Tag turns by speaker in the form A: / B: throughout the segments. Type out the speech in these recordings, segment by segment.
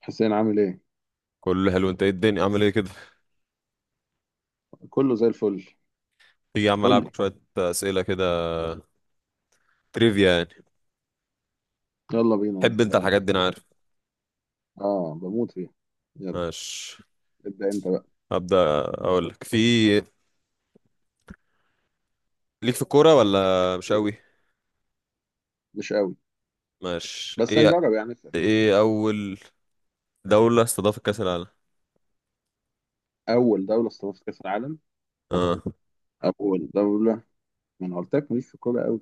A: حسين عامل ايه؟
B: كله حلو. انت ايه الدنيا عامل ايه كده؟
A: كله زي الفل.
B: تيجي يا عم
A: قول لي.
B: العبك شويه اسئله كده، تريفيا يعني.
A: يلا بينا، انا
B: تحب انت
A: زهقان أصلاً.
B: الحاجات دي انا عارف.
A: اه، بموت فيها. يلا،
B: ماشي.
A: ابدأ انت بقى.
B: هبدا اقول لك في، ليك في الكوره ولا مش
A: إيه؟
B: قوي؟
A: مش قوي.
B: ماشي.
A: بس
B: ايه
A: هنجرب يعني، اسأل.
B: ايه اول دوله استضافت كاس العالم؟
A: اول دولة استضافت كأس العالم.
B: اه.
A: اول دولة. ما انا قلت لك ماليش في الكورة قوي.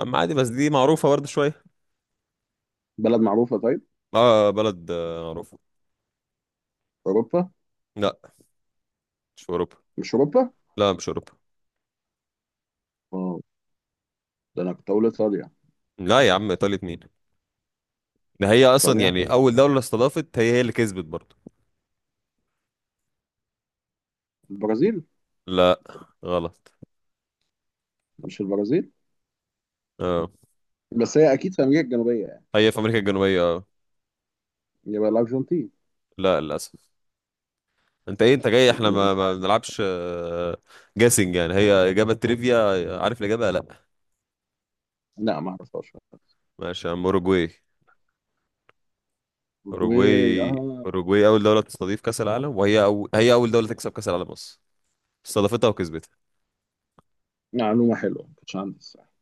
B: اما عادي، بس دي معروفه برضه شويه.
A: بلد معروفة؟ طيب،
B: اه بلد معروفه.
A: اوروبا.
B: لا مش في اوروبا.
A: مش اوروبا؟
B: لا مش اوروبا.
A: اه، ده انا كنت اقول ايطاليا.
B: لا يا عم ايطاليا مين؟ ده هي اصلا
A: ايطاليا،
B: يعني اول دوله استضافت هي اللي كسبت برضه.
A: البرازيل.
B: لا، غلط.
A: مش البرازيل؟
B: اه
A: بس هي اكيد في امريكا الجنوبية يعني.
B: هي في امريكا الجنوبيه اه.
A: يبقى الارجنتين.
B: لا للاسف. انت ايه؟ انت جاي احنا ما بنلعبش، جاسنج يعني. هي اجابه تريفيا، عارف الاجابه؟ لا.
A: لا، ما اعرفهاش.
B: ماشي يا عم، اوروجواي.
A: اوروجواي،
B: اوروجواي.
A: اه.
B: اوروجواي اول دوله تستضيف كاس العالم، هي اول دوله تكسب كاس العالم اصلا، استضافتها وكسبتها.
A: معلومة حلوة، ما كنتش عندي الصراحة.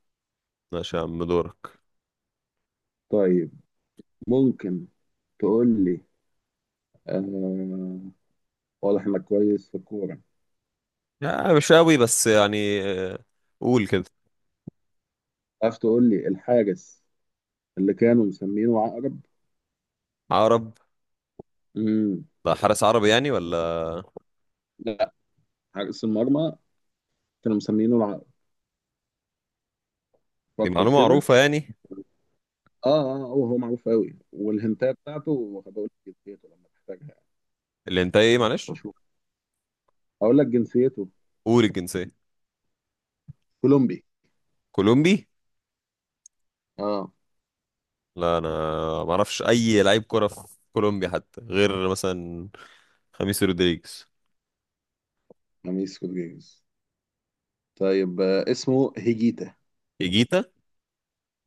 B: ماشي يا عم، دورك.
A: طيب، ممكن تقول لي، آه، واضح انك كويس في الكورة.
B: يعني مش قوي بس يعني، قول كده.
A: تعرف تقول لي الحارس اللي كانوا مسمينه عقرب؟
B: عرب؟
A: مم.
B: لا حارس عربي يعني ولا؟
A: لا، حارس المرمى كانوا مسمينه العقرب.
B: دي
A: فكر
B: معلومه
A: كده.
B: معروفه يعني.
A: اه اه، هو معروف قوي، والهنتايه بتاعته هبقول لك جنسيته لما تحتاجها.
B: اللي انت ايه معلش.
A: اشوف، هقول لك جنسيته.
B: قول الجنسيه.
A: كولومبي،
B: كولومبي.
A: اه.
B: لا انا ما اعرفش اي لعيب كره في كولومبيا حتى، غير مثلا خميس رودريجيز.
A: خميس رودريجيز. طيب، آه، اسمه هيجيتا.
B: ايجيتا.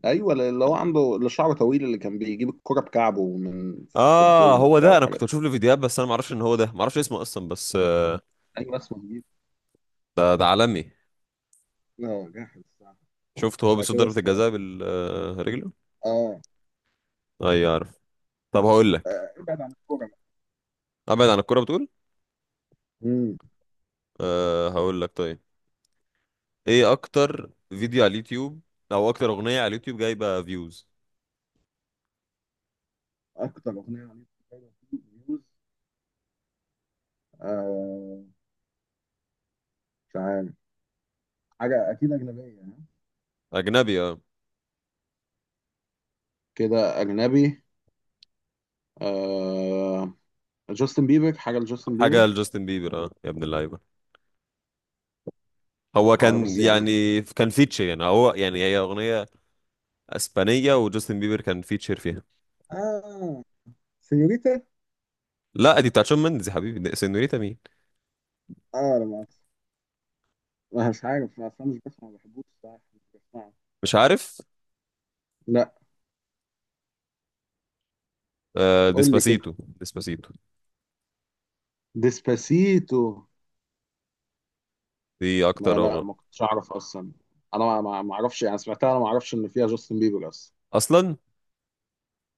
A: ايوه، اللي هو عنده اللي شعره طويل اللي كان بيجيب الكرة بكعبه من في
B: اه
A: الجون
B: هو
A: وبتاع
B: ده، انا
A: والحاجات
B: كنت
A: دي.
B: بشوف له فيديوهات بس انا ما اعرفش ان هو ده، ما اعرفش اسمه اصلا بس
A: ايوه، اسمه هيجيتا.
B: ده عالمي.
A: اه، جاحد الصراحه.
B: شفته هو
A: انا
B: بيصد
A: كده
B: ضربة
A: اصفر،
B: الجزاء بالرجل.
A: اه.
B: ايوه عارف. طب هقول لك،
A: ابعد عن الكوره.
B: ابعد عن الكوره بتقول؟
A: امم
B: أه هقول لك طيب. ايه اكتر فيديو على اليوتيوب او اكتر اغنيه على اليوتيوب جايبه فيوز؟
A: اكتر اغنيه عملت فيوز. آه، مش عارف، حاجه اكيد اجنبيه يعني.
B: اجنبي اه.
A: كده اجنبي. آه، جاستن بيبر، حاجه لجاستن
B: حاجه
A: بيبر.
B: لجاستن بيبر، اه يا ابن اللعيبه. هو
A: او انا
B: كان
A: بس يعني،
B: يعني كان فيتشر، يعني هو يعني هي اغنيه اسبانيه وجاستن بيبر كان فيتشر فيها.
A: اه، سينيوريتا.
B: لا دي بتاعت شون مندز يا حبيبي، سينوريتا مين؟
A: اه، لا مؤاخذة. ما مش عارف اصلا، مش بسمع، ما بحبوش الصراحه، مش بسمعه.
B: مش عارف.
A: لا.
B: آه
A: قول لي كده،
B: ديسباسيتو، ديسباسيتو.
A: ديسباسيتو.
B: دي اكتر
A: ما لا،
B: رغم.
A: ما كنتش اعرف اصلا. انا ما اعرفش يعني، سمعتها، انا ما اعرفش ان فيها جاستن بيبر اصلا.
B: اصلا.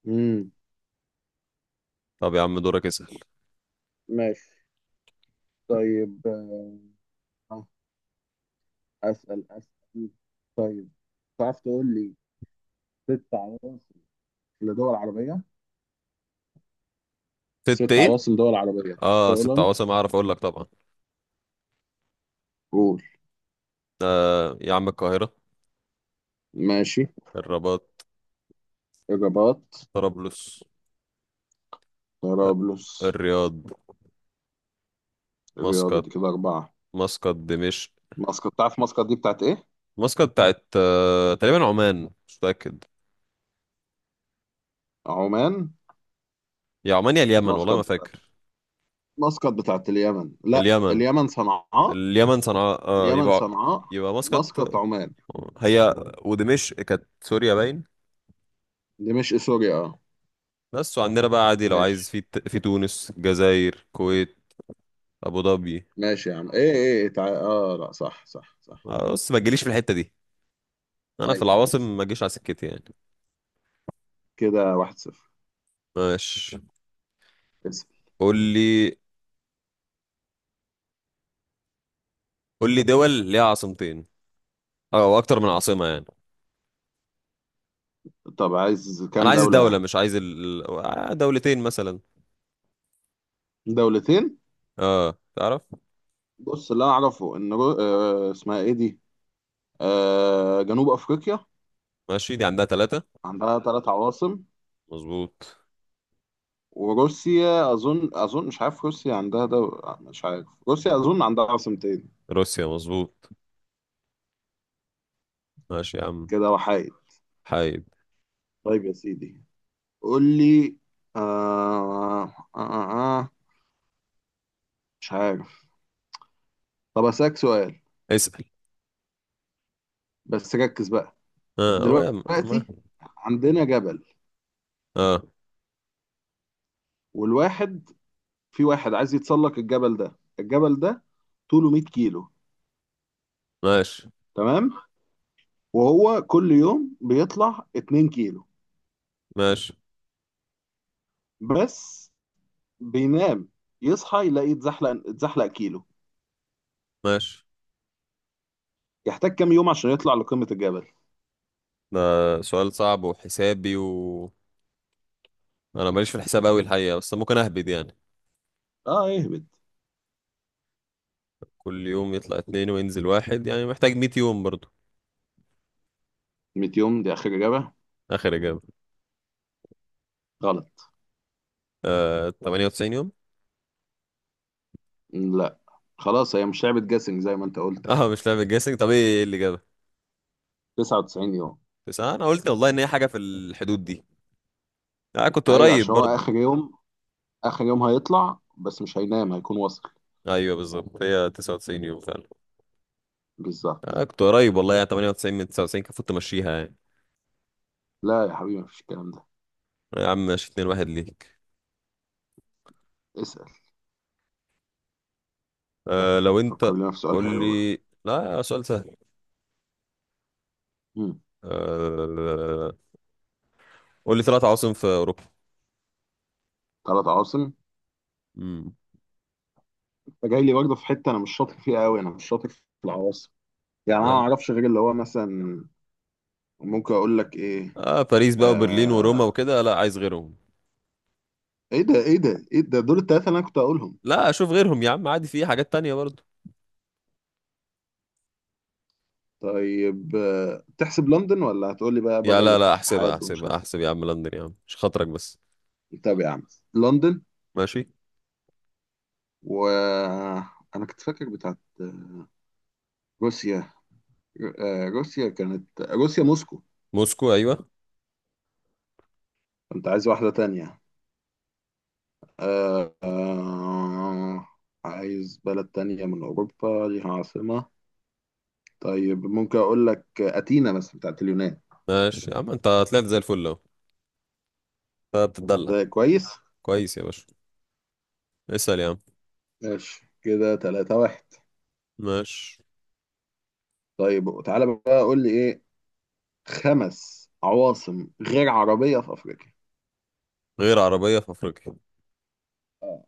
A: امم.
B: طب يا عم دورك اسأل.
A: ماشي. طيب، اسال. طيب، تعرف تقول لي ست عواصم لدول عربية؟
B: ست
A: ست
B: ايه؟
A: عواصم دول عربية تعرف
B: اه ست
A: تقولهم؟
B: عواصم اعرف اقول لك طبعا.
A: قول.
B: آه يا عم، القاهرة.
A: ماشي.
B: الرباط.
A: الرباط.
B: طرابلس.
A: طرابلس.
B: الرياض.
A: الرياض،
B: مسقط.
A: دي كده أربعة.
B: مسقط، دمشق.
A: مسقط. تعرف مسقط دي بتاعت إيه؟
B: مسقط بتاعت آه تقريبا عمان، مش متأكد.
A: عمان.
B: يا عمان يا اليمن، والله
A: مسقط
B: ما
A: بتاعت،
B: فاكر.
A: مسقط بتاعت اليمن، لا،
B: اليمن.
A: اليمن صنعاء.
B: اليمن صنعاء اه،
A: اليمن
B: يبقى.
A: صنعاء.
B: يبقى مسقط.
A: مسقط عمان.
B: هي. ودمشق كانت سوريا باين.
A: دي مش سوريا، اه.
B: بس وعندنا بقى عادي لو عايز،
A: ماشي.
B: في في تونس، جزائر، كويت، ابو ظبي.
A: ماشي يا عم، اه لا، صح صح صح.
B: بص ما تجيليش في الحتة دي، انا في
A: ايوه،
B: العواصم
A: ماشي.
B: ما اجيش على سكتي يعني.
A: كده واحد صفر.
B: ماشي.
A: اسأل.
B: قول لي قول لي دول ليها عاصمتين او اكتر من عاصمة يعني.
A: طب عايز
B: انا
A: كام
B: عايز
A: دولة
B: الدولة،
A: يعني؟
B: مش عايز ال... آه، دولتين مثلا.
A: دولتين.
B: اه تعرف.
A: بص، اللي أعرفه إن رو... آه اسمها إيه دي، آه، جنوب أفريقيا.
B: ماشي دي عندها ثلاثة.
A: عندها ثلاث عواصم.
B: مظبوط.
A: وروسيا أظن، أظن مش عارف، روسيا عندها دولة، مش عارف، روسيا أظن عندها عاصمتين.
B: روسيا مظبوط. ماشي يا عم.
A: كده وحيد.
B: حايد.
A: طيب يا سيدي، قول لي. آه... آه... آه... آه، مش عارف. طب أسألك سؤال،
B: اسأل.
A: بس ركز بقى.
B: اه هو يا عم، أنا ما-
A: دلوقتي عندنا جبل،
B: اه.
A: والواحد، في واحد عايز يتسلق الجبل ده. الجبل ده طوله 100 كيلو،
B: ماشي
A: تمام. وهو كل يوم بيطلع 2 كيلو،
B: ماشي
A: بس بينام، يصحى يلاقي اتزحلق اتزحلق كيلو.
B: ماشي
A: يحتاج كام يوم عشان يطلع لقمة الجبل؟
B: ده سؤال صعب وحسابي، و انا ماليش في الحساب قوي الحقيقة بس ممكن اهبد يعني.
A: اه، اهبد.
B: كل يوم يطلع اتنين وينزل واحد، يعني محتاج 100 يوم برضو.
A: 100 يوم دي اخر اجابة.
B: اخر اجابه.
A: غلط.
B: آه 98 يوم.
A: لا، خلاص، هي مش لعبة جاسنج زي ما انت قلت يعني.
B: اه مش لعبه جيسنج؟ طب ايه اللي جابها؟
A: 99 يوم.
B: تسعة، انا قلت والله ان هي حاجه في الحدود دي. انا آه كنت
A: ايوه،
B: قريب
A: عشان هو
B: برضو.
A: اخر يوم، اخر يوم هيطلع بس مش هينام، هيكون واصل.
B: ايوه بالظبط هي 99 يوم فعلا. انا
A: بالظبط.
B: آه كنت قريب والله يعني، 98 من 99 كان المفروض تمشيها يعني.
A: لا يا حبيبي، مفيش الكلام ده.
B: يا عم ماشي، 2 واحد ليك.
A: اسأل.
B: آه لو
A: فكر
B: انت.
A: لنا في سؤال
B: قول
A: حلو بقى.
B: لي. لا سؤال سهل.
A: مم.
B: آه... قول لي ثلاث عواصم في اوروبا.
A: ثلاث عواصم.
B: امم.
A: فجاي لي برضه في حته انا مش شاطر فيها قوي، انا مش شاطر في العواصم، يعني انا
B: يا
A: ما
B: عم.
A: اعرفش غير اللي هو مثلا. ممكن اقول لك ايه؟
B: آه باريس بقى وبرلين وروما
A: آه...
B: وكده؟ لا عايز غيرهم.
A: ايه ده، دول الثلاثه اللي انا كنت هقولهم.
B: لا اشوف غيرهم يا عم، عادي في حاجات تانية برضو.
A: طيب، آه، تحسب لندن ولا هتقول لي بقى
B: يا
A: بره
B: لا لا احسبها،
A: الاتحاد ومش
B: احسبها،
A: عارف.
B: احسب يا عم لندن يا عم، مش خاطرك بس.
A: إيه؟ طب يا عم، لندن.
B: ماشي.
A: و، انا كنت فاكر بتاعت روسيا، آه، روسيا كانت، روسيا موسكو.
B: موسكو ايوه.
A: كنت عايز واحده تانية، آه، آه، عايز بلد تانية من أوروبا ليها عاصمة. طيب، ممكن اقول لك اثينا مثلا بتاعت اليونان.
B: ماشي يا عم، انت طلعت زي الفل اهو، انت بتتدلع.
A: ده كويس.
B: كويس يا باشا. اسأل يا عم.
A: ماشي، كده 3-1.
B: ماشي.
A: طيب، تعالى بقى قول لي ايه، خمس عواصم غير عربية في افريقيا.
B: غير عربية في افريقيا.
A: اه.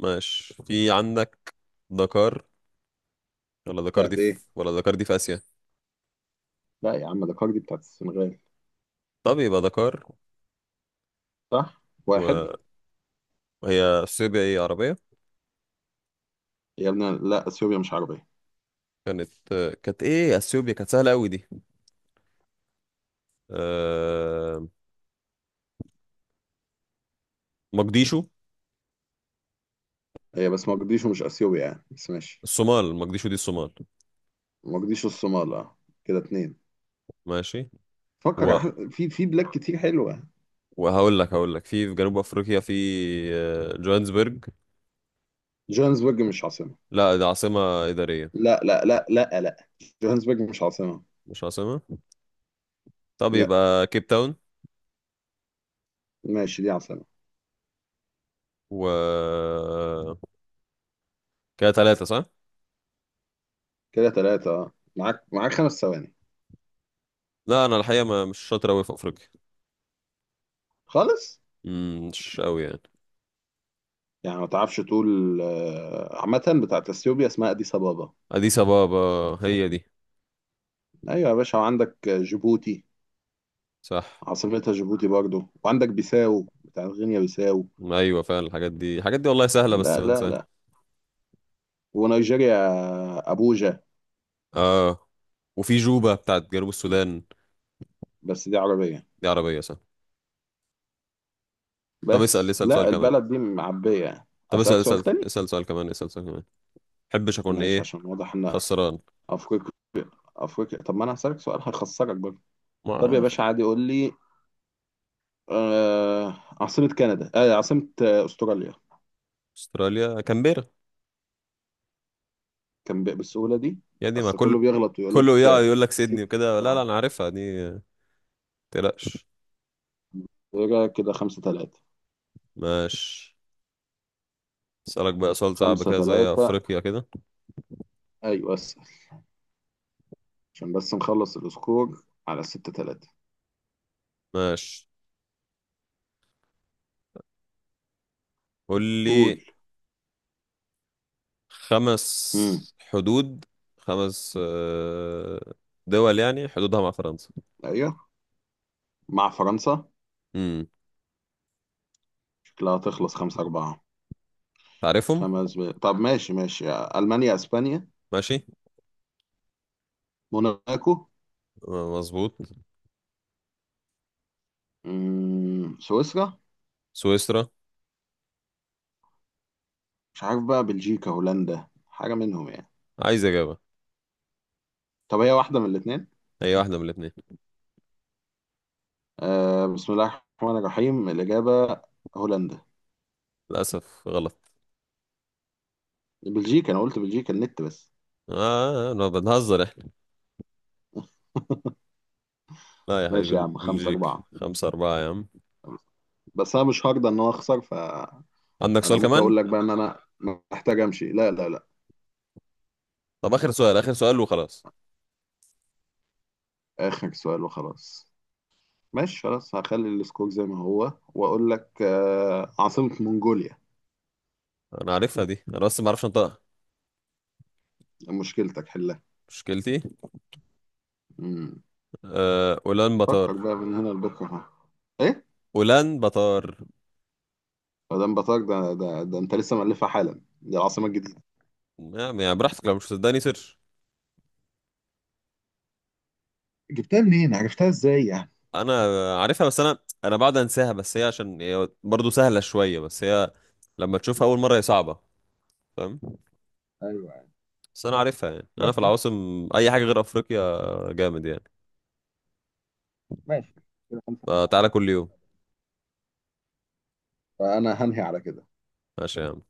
B: ماشي. في عندك دكار. ولا دكار دي
A: بتاعت
B: في،
A: ايه؟
B: ولا دكار دي في اسيا.
A: لا يا عم، ده كاردي بتاعت السنغال.
B: طب يبقى دكار.
A: صح، واحد.
B: و- وهي اثيوبيا ايه، عربية؟
A: يا ابني، لا، اثيوبيا مش عربية.
B: كانت. كانت ايه اثيوبيا، كانت سهلة قوي دي. أه... مقديشو.
A: هي بس مقديشو مش اثيوبيا يعني، بس ماشي.
B: الصومال. مقديشو دي الصومال.
A: مقديشو الصومال، اه. كده اتنين.
B: ماشي.
A: فكر
B: و...
A: في بلاد كتير حلوة.
B: وهقول لك هقول لك في في جنوب افريقيا في جوهانسبرج.
A: جوهانسبرج مش عاصمة.
B: لا دي عاصمة إدارية.
A: لا لا لا لا لا، جوهانسبرج مش عاصمة.
B: مش عاصمة؟ طب
A: لا،
B: يبقى كيب تاون.
A: ماشي، دي عاصمة.
B: و كده ثلاثة صح؟
A: كده ثلاثة، اه. معاك معاك خمس ثواني
B: لا أنا الحقيقة ما مش شاطر أوي في أفريقيا.
A: خالص.
B: مم، مش أوي يعني.
A: يعني ما تعرفش تقول، آه، عامة بتاعت اثيوبيا اسمها اديس ابابا.
B: أديس أبابا، هي دي.
A: ايوه يا باشا، وعندك جيبوتي،
B: صح.
A: عاصمتها جيبوتي برضو، وعندك بيساو بتاعت غينيا بيساو.
B: أيوة فعلا، الحاجات دي والله سهلة بس
A: لا لا
B: بنساها.
A: لا، ونيجيريا ابوجا.
B: آه. وفي جوبا بتاعت جنوب السودان.
A: بس دي عربية.
B: دي عربية صح. طب اسأل،
A: بس
B: اسأل سؤال
A: لا،
B: كمان.
A: البلد دي معبية يعني،
B: طب اسأل
A: اسألك سؤال
B: اسأل
A: تاني.
B: اسأل سؤال كمان، اسأل سؤال كمان. محبش أكون
A: ماشي،
B: إيه؟
A: عشان واضح ان
B: خسران.
A: افريقيا، افريقيا، طب ما انا هسألك سؤال هخسرك برضه. طب يا
B: مع.
A: باشا، عادي، قول لي آه عاصمة كندا، آه عاصمة، آه، أستراليا.
B: أستراليا كامبيرا.
A: كان بالسهولة دي.
B: يا دي ما
A: أصل كله
B: كله.
A: بيغلط ويقول
B: كله
A: لك،
B: يا
A: آه،
B: يقول لك سيدني
A: سيدني
B: وكده، لا لا
A: بتاع.
B: انا عارفها دي. ما تقلقش.
A: يبقى كده خمسة تلاتة.
B: ماشي. اسالك بقى سؤال صعب
A: خمسة
B: كده زي
A: تلاتة.
B: افريقيا كده.
A: أيوة أسأل، عشان بس نخلص السكور على ستة تلاتة.
B: ماشي. قول
A: قول.
B: لي
A: مم.
B: خمس حدود، خمس دول يعني حدودها مع فرنسا.
A: أيوة. مع فرنسا.
B: امم.
A: شكلها تخلص خمسة أربعة.
B: تعرفهم؟
A: طب ماشي، ماشي، ألمانيا، أسبانيا،
B: ماشي.
A: موناكو.
B: مظبوط.
A: مم. سويسرا.
B: سويسرا.
A: مش عارف بقى، بلجيكا هولندا حاجة منهم يعني.
B: عايز اجابه.
A: طب هي واحدة من الاتنين.
B: اي واحده من الاثنين.
A: آه، بسم الله الرحمن الرحيم، الإجابة هولندا.
B: للاسف غلط.
A: بلجيكا، أنا قلت بلجيكا، النت بس.
B: اه انا بنهزر احنا. لا يا حبيبي
A: ماشي يا عم، خمسة
B: بلجيك،
A: أربعة.
B: خمسة أربعة يا عم.
A: بس أنا مش هرضى إن أنا أخسر، فأنا
B: عندك سؤال
A: ممكن
B: كمان.
A: أقول لك بقى إن أنا محتاج أمشي. لا لا لا،
B: طب آخر سؤال، آخر سؤال وخلاص.
A: آخر سؤال وخلاص. ماشي، خلاص، هخلي السكور زي ما هو، وأقول لك آه عاصمة منغوليا.
B: انا عارفها دي انا، بس ما اعرفش انطقها.
A: مشكلتك حلها.
B: مشكلتي.
A: مم.
B: اولان
A: فكر
B: بطار.
A: بقى من هنا لبكرة. ها. إيه؟
B: اولان بطار.
A: مدام بطاق ده أنت لسه مألفها حالا دي العاصمة الجديدة.
B: يعني يعني براحتك، لو مش صدقني سيرش.
A: جبتها منين، عرفتها إزاي يعني؟
B: انا عارفها، بس انا بعد انساها، بس هي عشان هي برضه سهله شويه، بس هي لما تشوفها اول مره هي صعبه. فاهم.
A: ايوه.
B: بس انا عارفها يعني، انا في
A: ماشي
B: العواصم اي حاجه غير افريقيا جامد يعني.
A: ماشي كده 5-4.
B: فتعالى كل يوم.
A: فانا هنهي على كده.
B: ماشي يا عم.